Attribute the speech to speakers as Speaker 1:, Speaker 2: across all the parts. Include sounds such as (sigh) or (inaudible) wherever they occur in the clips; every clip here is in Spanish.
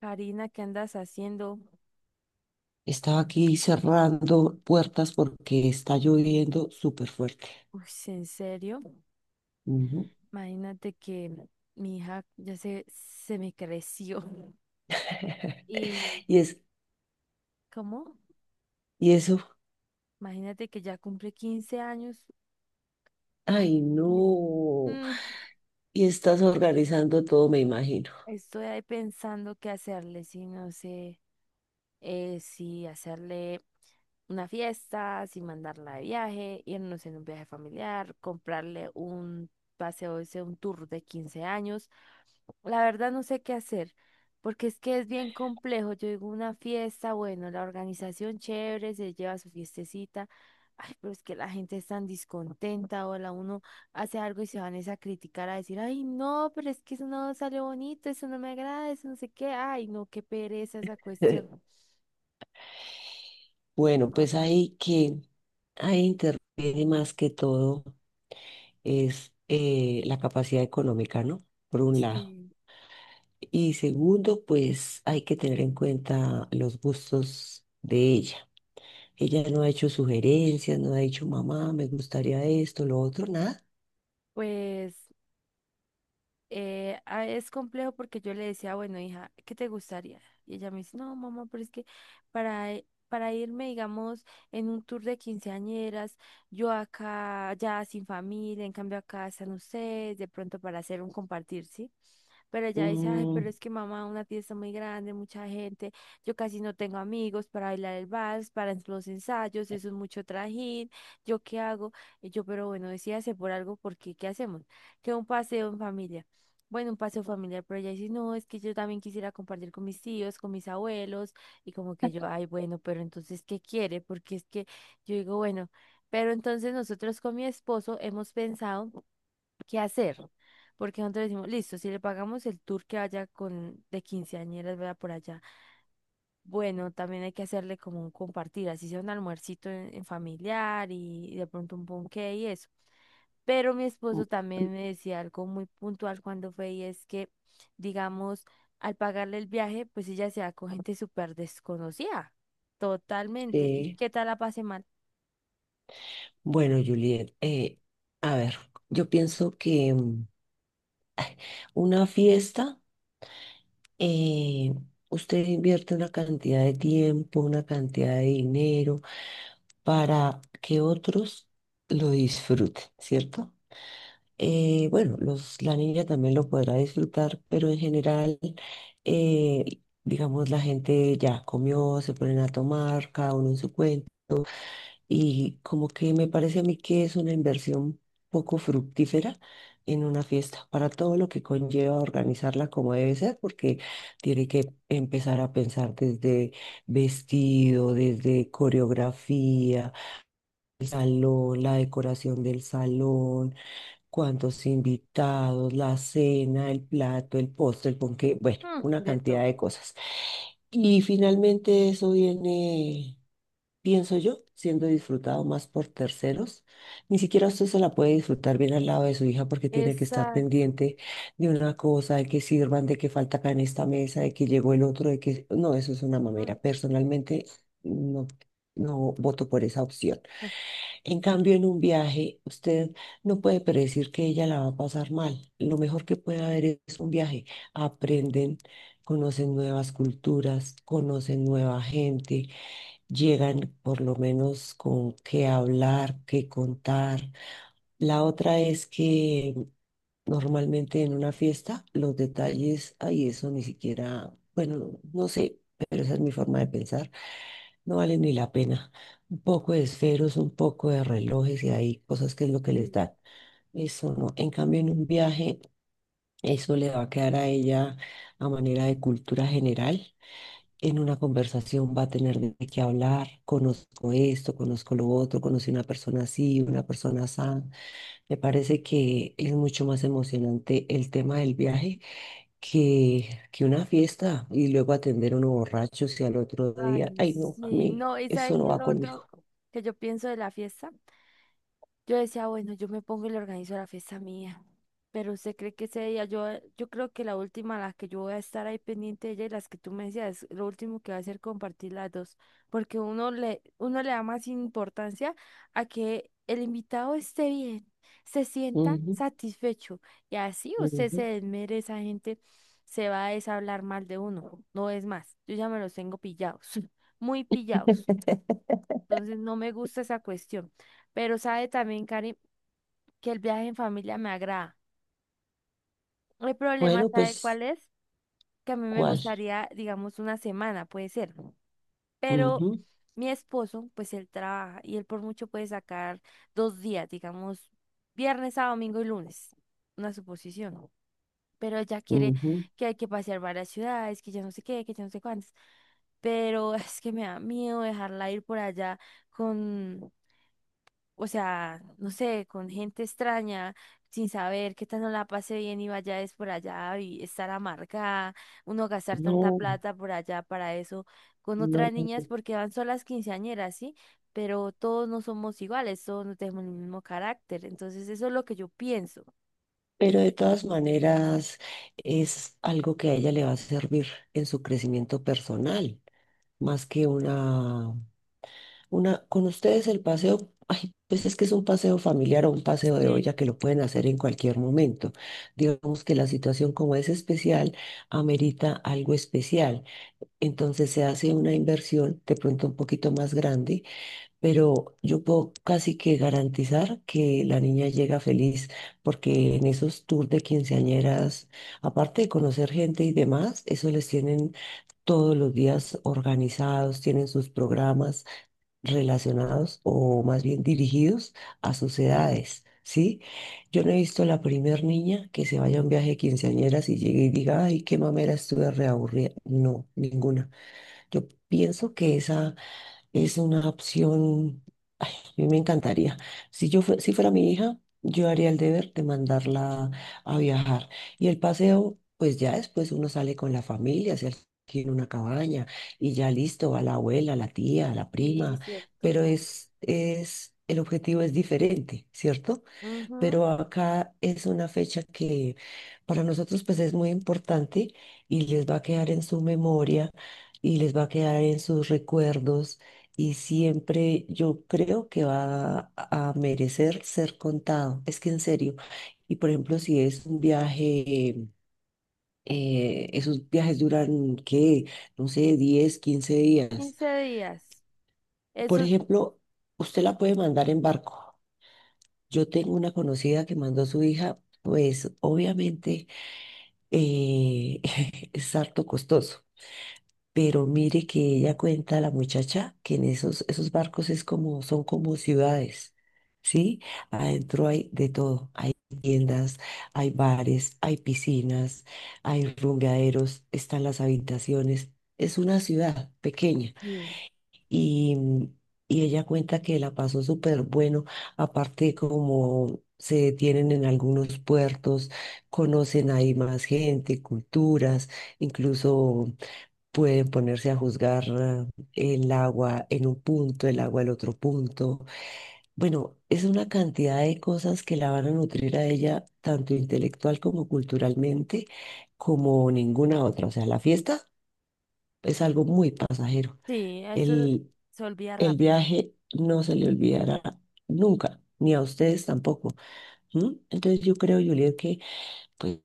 Speaker 1: Karina, ¿qué andas haciendo?
Speaker 2: Estaba aquí cerrando puertas porque está lloviendo súper fuerte.
Speaker 1: Uy, sí, ¿en serio?
Speaker 2: Ujú.
Speaker 1: Imagínate que mi hija ya se me creció. (laughs)
Speaker 2: (laughs)
Speaker 1: ¿Y
Speaker 2: Y es,
Speaker 1: cómo?
Speaker 2: y eso,
Speaker 1: Imagínate que ya cumple 15 años.
Speaker 2: ay,
Speaker 1: Y,
Speaker 2: no.
Speaker 1: mm,
Speaker 2: Y estás organizando todo, me imagino.
Speaker 1: estoy ahí pensando qué hacerle, si no sé si hacerle una fiesta, sin mandarla de viaje, irnos en un viaje familiar, comprarle un paseo, ese un tour de 15 años. La verdad no sé qué hacer, porque es que es bien complejo. Yo digo una fiesta, bueno, la organización chévere, se lleva su fiestecita. Ay, pero es que la gente es tan descontenta, o la uno hace algo y se van es a criticar, a decir, ay, no, pero es que eso no salió bonito, eso no me agrada, eso no sé qué, ay, no, qué pereza esa cuestión.
Speaker 2: (laughs) Bueno, pues ahí interviene más que todo es la capacidad económica, ¿no? Por un lado.
Speaker 1: Sí.
Speaker 2: Y segundo, pues hay que tener en cuenta los gustos de ella. Ella no ha hecho sugerencias, no ha dicho, mamá, me gustaría esto, lo otro, nada.
Speaker 1: Pues es complejo porque yo le decía, bueno, hija, ¿qué te gustaría? Y ella me dice, no, mamá, pero es que para irme, digamos, en un tour de quinceañeras, yo acá ya sin familia, en cambio acá están ustedes, de pronto para hacer un compartir, ¿sí? Pero ella dice, ay, pero
Speaker 2: Mm,
Speaker 1: es que mamá, una fiesta muy grande, mucha gente, yo casi no tengo amigos para bailar el vals, para los ensayos, eso es mucho trajín, ¿yo qué hago? Y yo, pero bueno, decídase por algo, porque ¿qué hacemos? Que un paseo en familia. Bueno, un paseo familiar, pero ella dice, no, es que yo también quisiera compartir con mis tíos, con mis abuelos, y como que yo, ay, bueno, pero entonces, ¿qué quiere? Porque es que yo digo, bueno, pero entonces nosotros con mi esposo hemos pensado qué hacer. Porque nosotros decimos, listo, si le pagamos el tour que vaya con de quinceañeras, vaya por allá. Bueno, también hay que hacerle como un compartir, así sea un almuercito en familiar y de pronto un ponqué y eso. Pero mi esposo también me decía algo muy puntual cuando fue y es que, digamos, al pagarle el viaje, pues ella se va con gente súper desconocida, totalmente. ¿Y
Speaker 2: sí.
Speaker 1: qué tal la pase mal?
Speaker 2: Bueno, Juliet, a ver, yo pienso que una fiesta, eh, usted invierte una cantidad de tiempo, una cantidad de dinero para que otros lo disfruten, ¿cierto? Bueno, los, la niña también lo podrá disfrutar, pero en general, eh, digamos, la gente ya comió, se ponen a tomar, cada uno en su cuento, y como que me parece a mí que es una inversión poco fructífera en una fiesta, para todo lo que conlleva organizarla como debe ser, porque tiene que empezar a pensar desde vestido, desde coreografía, el salón, la decoración del salón, cuántos invitados, la cena, el plato, el postre, el ponqué, bueno,
Speaker 1: Mm,
Speaker 2: una
Speaker 1: de
Speaker 2: cantidad de
Speaker 1: todo.
Speaker 2: cosas. Y finalmente eso viene, pienso yo, siendo disfrutado más por terceros. Ni siquiera usted se la puede disfrutar bien al lado de su hija porque tiene que estar
Speaker 1: Exacto.
Speaker 2: pendiente de una cosa, de que sirvan, de que falta acá en esta mesa, de que llegó el otro, de que... No, eso es una
Speaker 1: Mm.
Speaker 2: mamera. Personalmente, no, no voto por esa opción.
Speaker 1: (laughs)
Speaker 2: En cambio, en un viaje, usted no puede predecir que ella la va a pasar mal. Lo mejor que puede haber es un viaje. Aprenden, conocen nuevas culturas, conocen nueva gente, llegan por lo menos con qué hablar, qué contar. La otra es que normalmente en una fiesta los detalles, ahí eso ni siquiera, bueno, no, no sé, pero esa es mi forma de pensar, no vale ni la pena. Un poco de esferos, un poco de relojes y hay cosas que es lo que les
Speaker 1: Sí.
Speaker 2: dan. Eso no. En cambio, en un viaje, eso le va a quedar a ella a manera de cultura general. En una conversación va a tener de qué hablar, conozco esto, conozco lo otro, conocí una persona así, una persona así. Me parece que es mucho más emocionante el tema del viaje que una fiesta y luego atender a uno borracho y al otro día,
Speaker 1: Ay,
Speaker 2: ay no, a
Speaker 1: sí,
Speaker 2: mí
Speaker 1: no, ¿y
Speaker 2: eso
Speaker 1: sabes
Speaker 2: no
Speaker 1: qué es
Speaker 2: va
Speaker 1: lo
Speaker 2: conmigo.
Speaker 1: otro que yo pienso de la fiesta? Yo decía, bueno, yo me pongo y le organizo la fiesta mía. Pero usted cree que ese día, yo creo que la última, a la que yo voy a estar ahí pendiente de ella y las que tú me decías, lo último que va a hacer compartir las dos, porque uno le da más importancia a que el invitado esté bien, se sienta
Speaker 2: Ujú,
Speaker 1: satisfecho y así usted se
Speaker 2: ujú.
Speaker 1: desmere, esa gente se va a deshablar mal de uno, no es más, yo ya me los tengo pillados, (laughs) muy pillados, entonces no me gusta esa cuestión. Pero sabe también, Karim, que el viaje en familia me agrada. El problema,
Speaker 2: Bueno,
Speaker 1: ¿sabe
Speaker 2: pues,
Speaker 1: cuál es? Que a mí me
Speaker 2: ¿cuál?
Speaker 1: gustaría, digamos, una semana, puede ser. Pero
Speaker 2: Ujú,
Speaker 1: mi esposo, pues él trabaja y él por mucho puede sacar 2 días, digamos, viernes a domingo y lunes. Una suposición. Pero ella quiere
Speaker 2: ujú.
Speaker 1: que hay que pasear varias ciudades, que ya no sé qué, que ya no sé cuántas. Pero (laughs) es que me da miedo dejarla ir por allá con, o sea, no sé, con gente extraña, sin saber qué tal no la pase bien y vaya es por allá y estar amargada, uno gastar tanta
Speaker 2: No,
Speaker 1: plata por allá para eso, con
Speaker 2: no,
Speaker 1: otras niñas
Speaker 2: no.
Speaker 1: porque van solas quinceañeras, ¿sí? Pero todos no somos iguales, todos no tenemos el mismo carácter, entonces eso es lo que yo pienso.
Speaker 2: Pero de todas maneras es algo que a ella le va a servir en su crecimiento personal, más que una. Con ustedes el paseo, ay, pues es que es un paseo familiar o un paseo de olla
Speaker 1: Sí,
Speaker 2: que lo pueden hacer en cualquier momento. Digamos que la situación como es especial, amerita algo especial. Entonces se hace una inversión de pronto un poquito más grande, pero yo puedo casi que garantizar que la niña llega feliz, porque en esos tours de quinceañeras, aparte de conocer gente y demás, eso les tienen todos los días organizados, tienen sus programas relacionados o más bien dirigidos a sus edades, ¿sí? Yo no he visto la primer niña que se vaya a un viaje de quinceañeras y llegue y diga, ay, qué mamera estuve reaburrida. No, ninguna. Yo pienso que esa es una opción, ay, a mí me encantaría. Si fuera mi hija, yo haría el deber de mandarla a viajar. Y el paseo, pues ya después uno sale con la familia, se alquila una cabaña y ya listo, va la abuela, la tía, la
Speaker 1: sí,
Speaker 2: prima,
Speaker 1: cierto.
Speaker 2: pero es el objetivo es diferente, ¿cierto?
Speaker 1: Ujú,
Speaker 2: Pero acá es una fecha que para nosotros pues es muy importante y les va a quedar en su memoria y les va a quedar en sus recuerdos y siempre yo creo que va a merecer ser contado, es que en serio. Y por ejemplo, si es un viaje, esos viajes duran, ¿qué? No sé, 10, 15 días.
Speaker 1: 15 días.
Speaker 2: Por
Speaker 1: Eso,
Speaker 2: ejemplo, usted la puede mandar en barco. Yo tengo una conocida que mandó a su hija, pues obviamente eh, (laughs) es harto costoso, pero mire que ella cuenta, la muchacha, que en esos barcos es como, son como ciudades, ¿sí? Adentro hay de todo, hay tiendas, hay bares, hay piscinas, hay rumbeaderos, están las habitaciones, es una ciudad pequeña
Speaker 1: sí.
Speaker 2: y, y ella cuenta que la pasó súper bueno, aparte como se detienen en algunos puertos, conocen ahí más gente, culturas, incluso pueden ponerse a juzgar ah, el agua en un punto, el agua en otro punto. Bueno, es una cantidad de cosas que la van a nutrir a ella, tanto intelectual como culturalmente, como ninguna otra. O sea, la fiesta es algo muy pasajero.
Speaker 1: Sí, eso
Speaker 2: El
Speaker 1: se olvida rápido.
Speaker 2: viaje no se le olvidará nunca, ni a ustedes tampoco. ¿M? Entonces yo creo, Juliet, que, pues,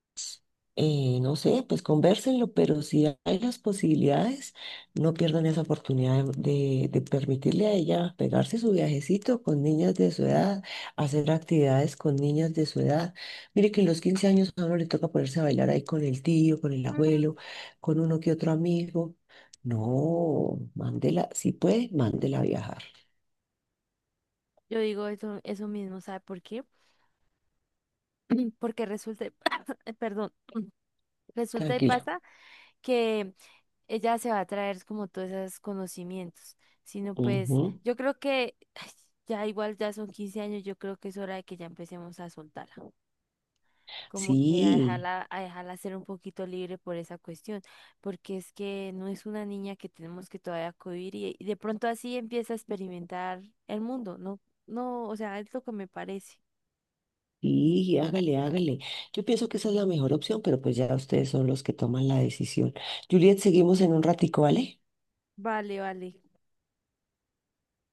Speaker 2: no sé, pues convérsenlo, pero si hay las posibilidades, no pierdan esa oportunidad de permitirle a ella pegarse su viajecito con niñas de su edad, hacer actividades con niñas de su edad. Mire que en los 15 años a uno le toca ponerse a bailar ahí con el tío, con el
Speaker 1: Mm.
Speaker 2: abuelo, con uno que otro amigo. No, mándela, si puede, mándela a viajar.
Speaker 1: Yo digo eso mismo, ¿sabe por qué? (clears throat) Porque resulta, (coughs) perdón, (clears throat) (coughs) resulta y
Speaker 2: Tranquila.
Speaker 1: pasa que ella se va a traer como todos esos conocimientos, sino pues
Speaker 2: Ujú.
Speaker 1: yo creo que (sighs) ay, ya igual ya son 15 años, yo creo que es hora de que ya empecemos a soltarla, como que a
Speaker 2: Sí,
Speaker 1: dejarla, a dejarla ser un poquito libre por esa cuestión, porque es que no es una niña que tenemos que todavía cohibir y de pronto así empieza a experimentar el mundo, ¿no? No, o sea, es lo que me parece.
Speaker 2: sí, hágale, hágale. Yo pienso que esa es la mejor opción, pero pues ya ustedes son los que toman la decisión. Juliet, seguimos en un ratico, ¿vale?
Speaker 1: Vale, vale.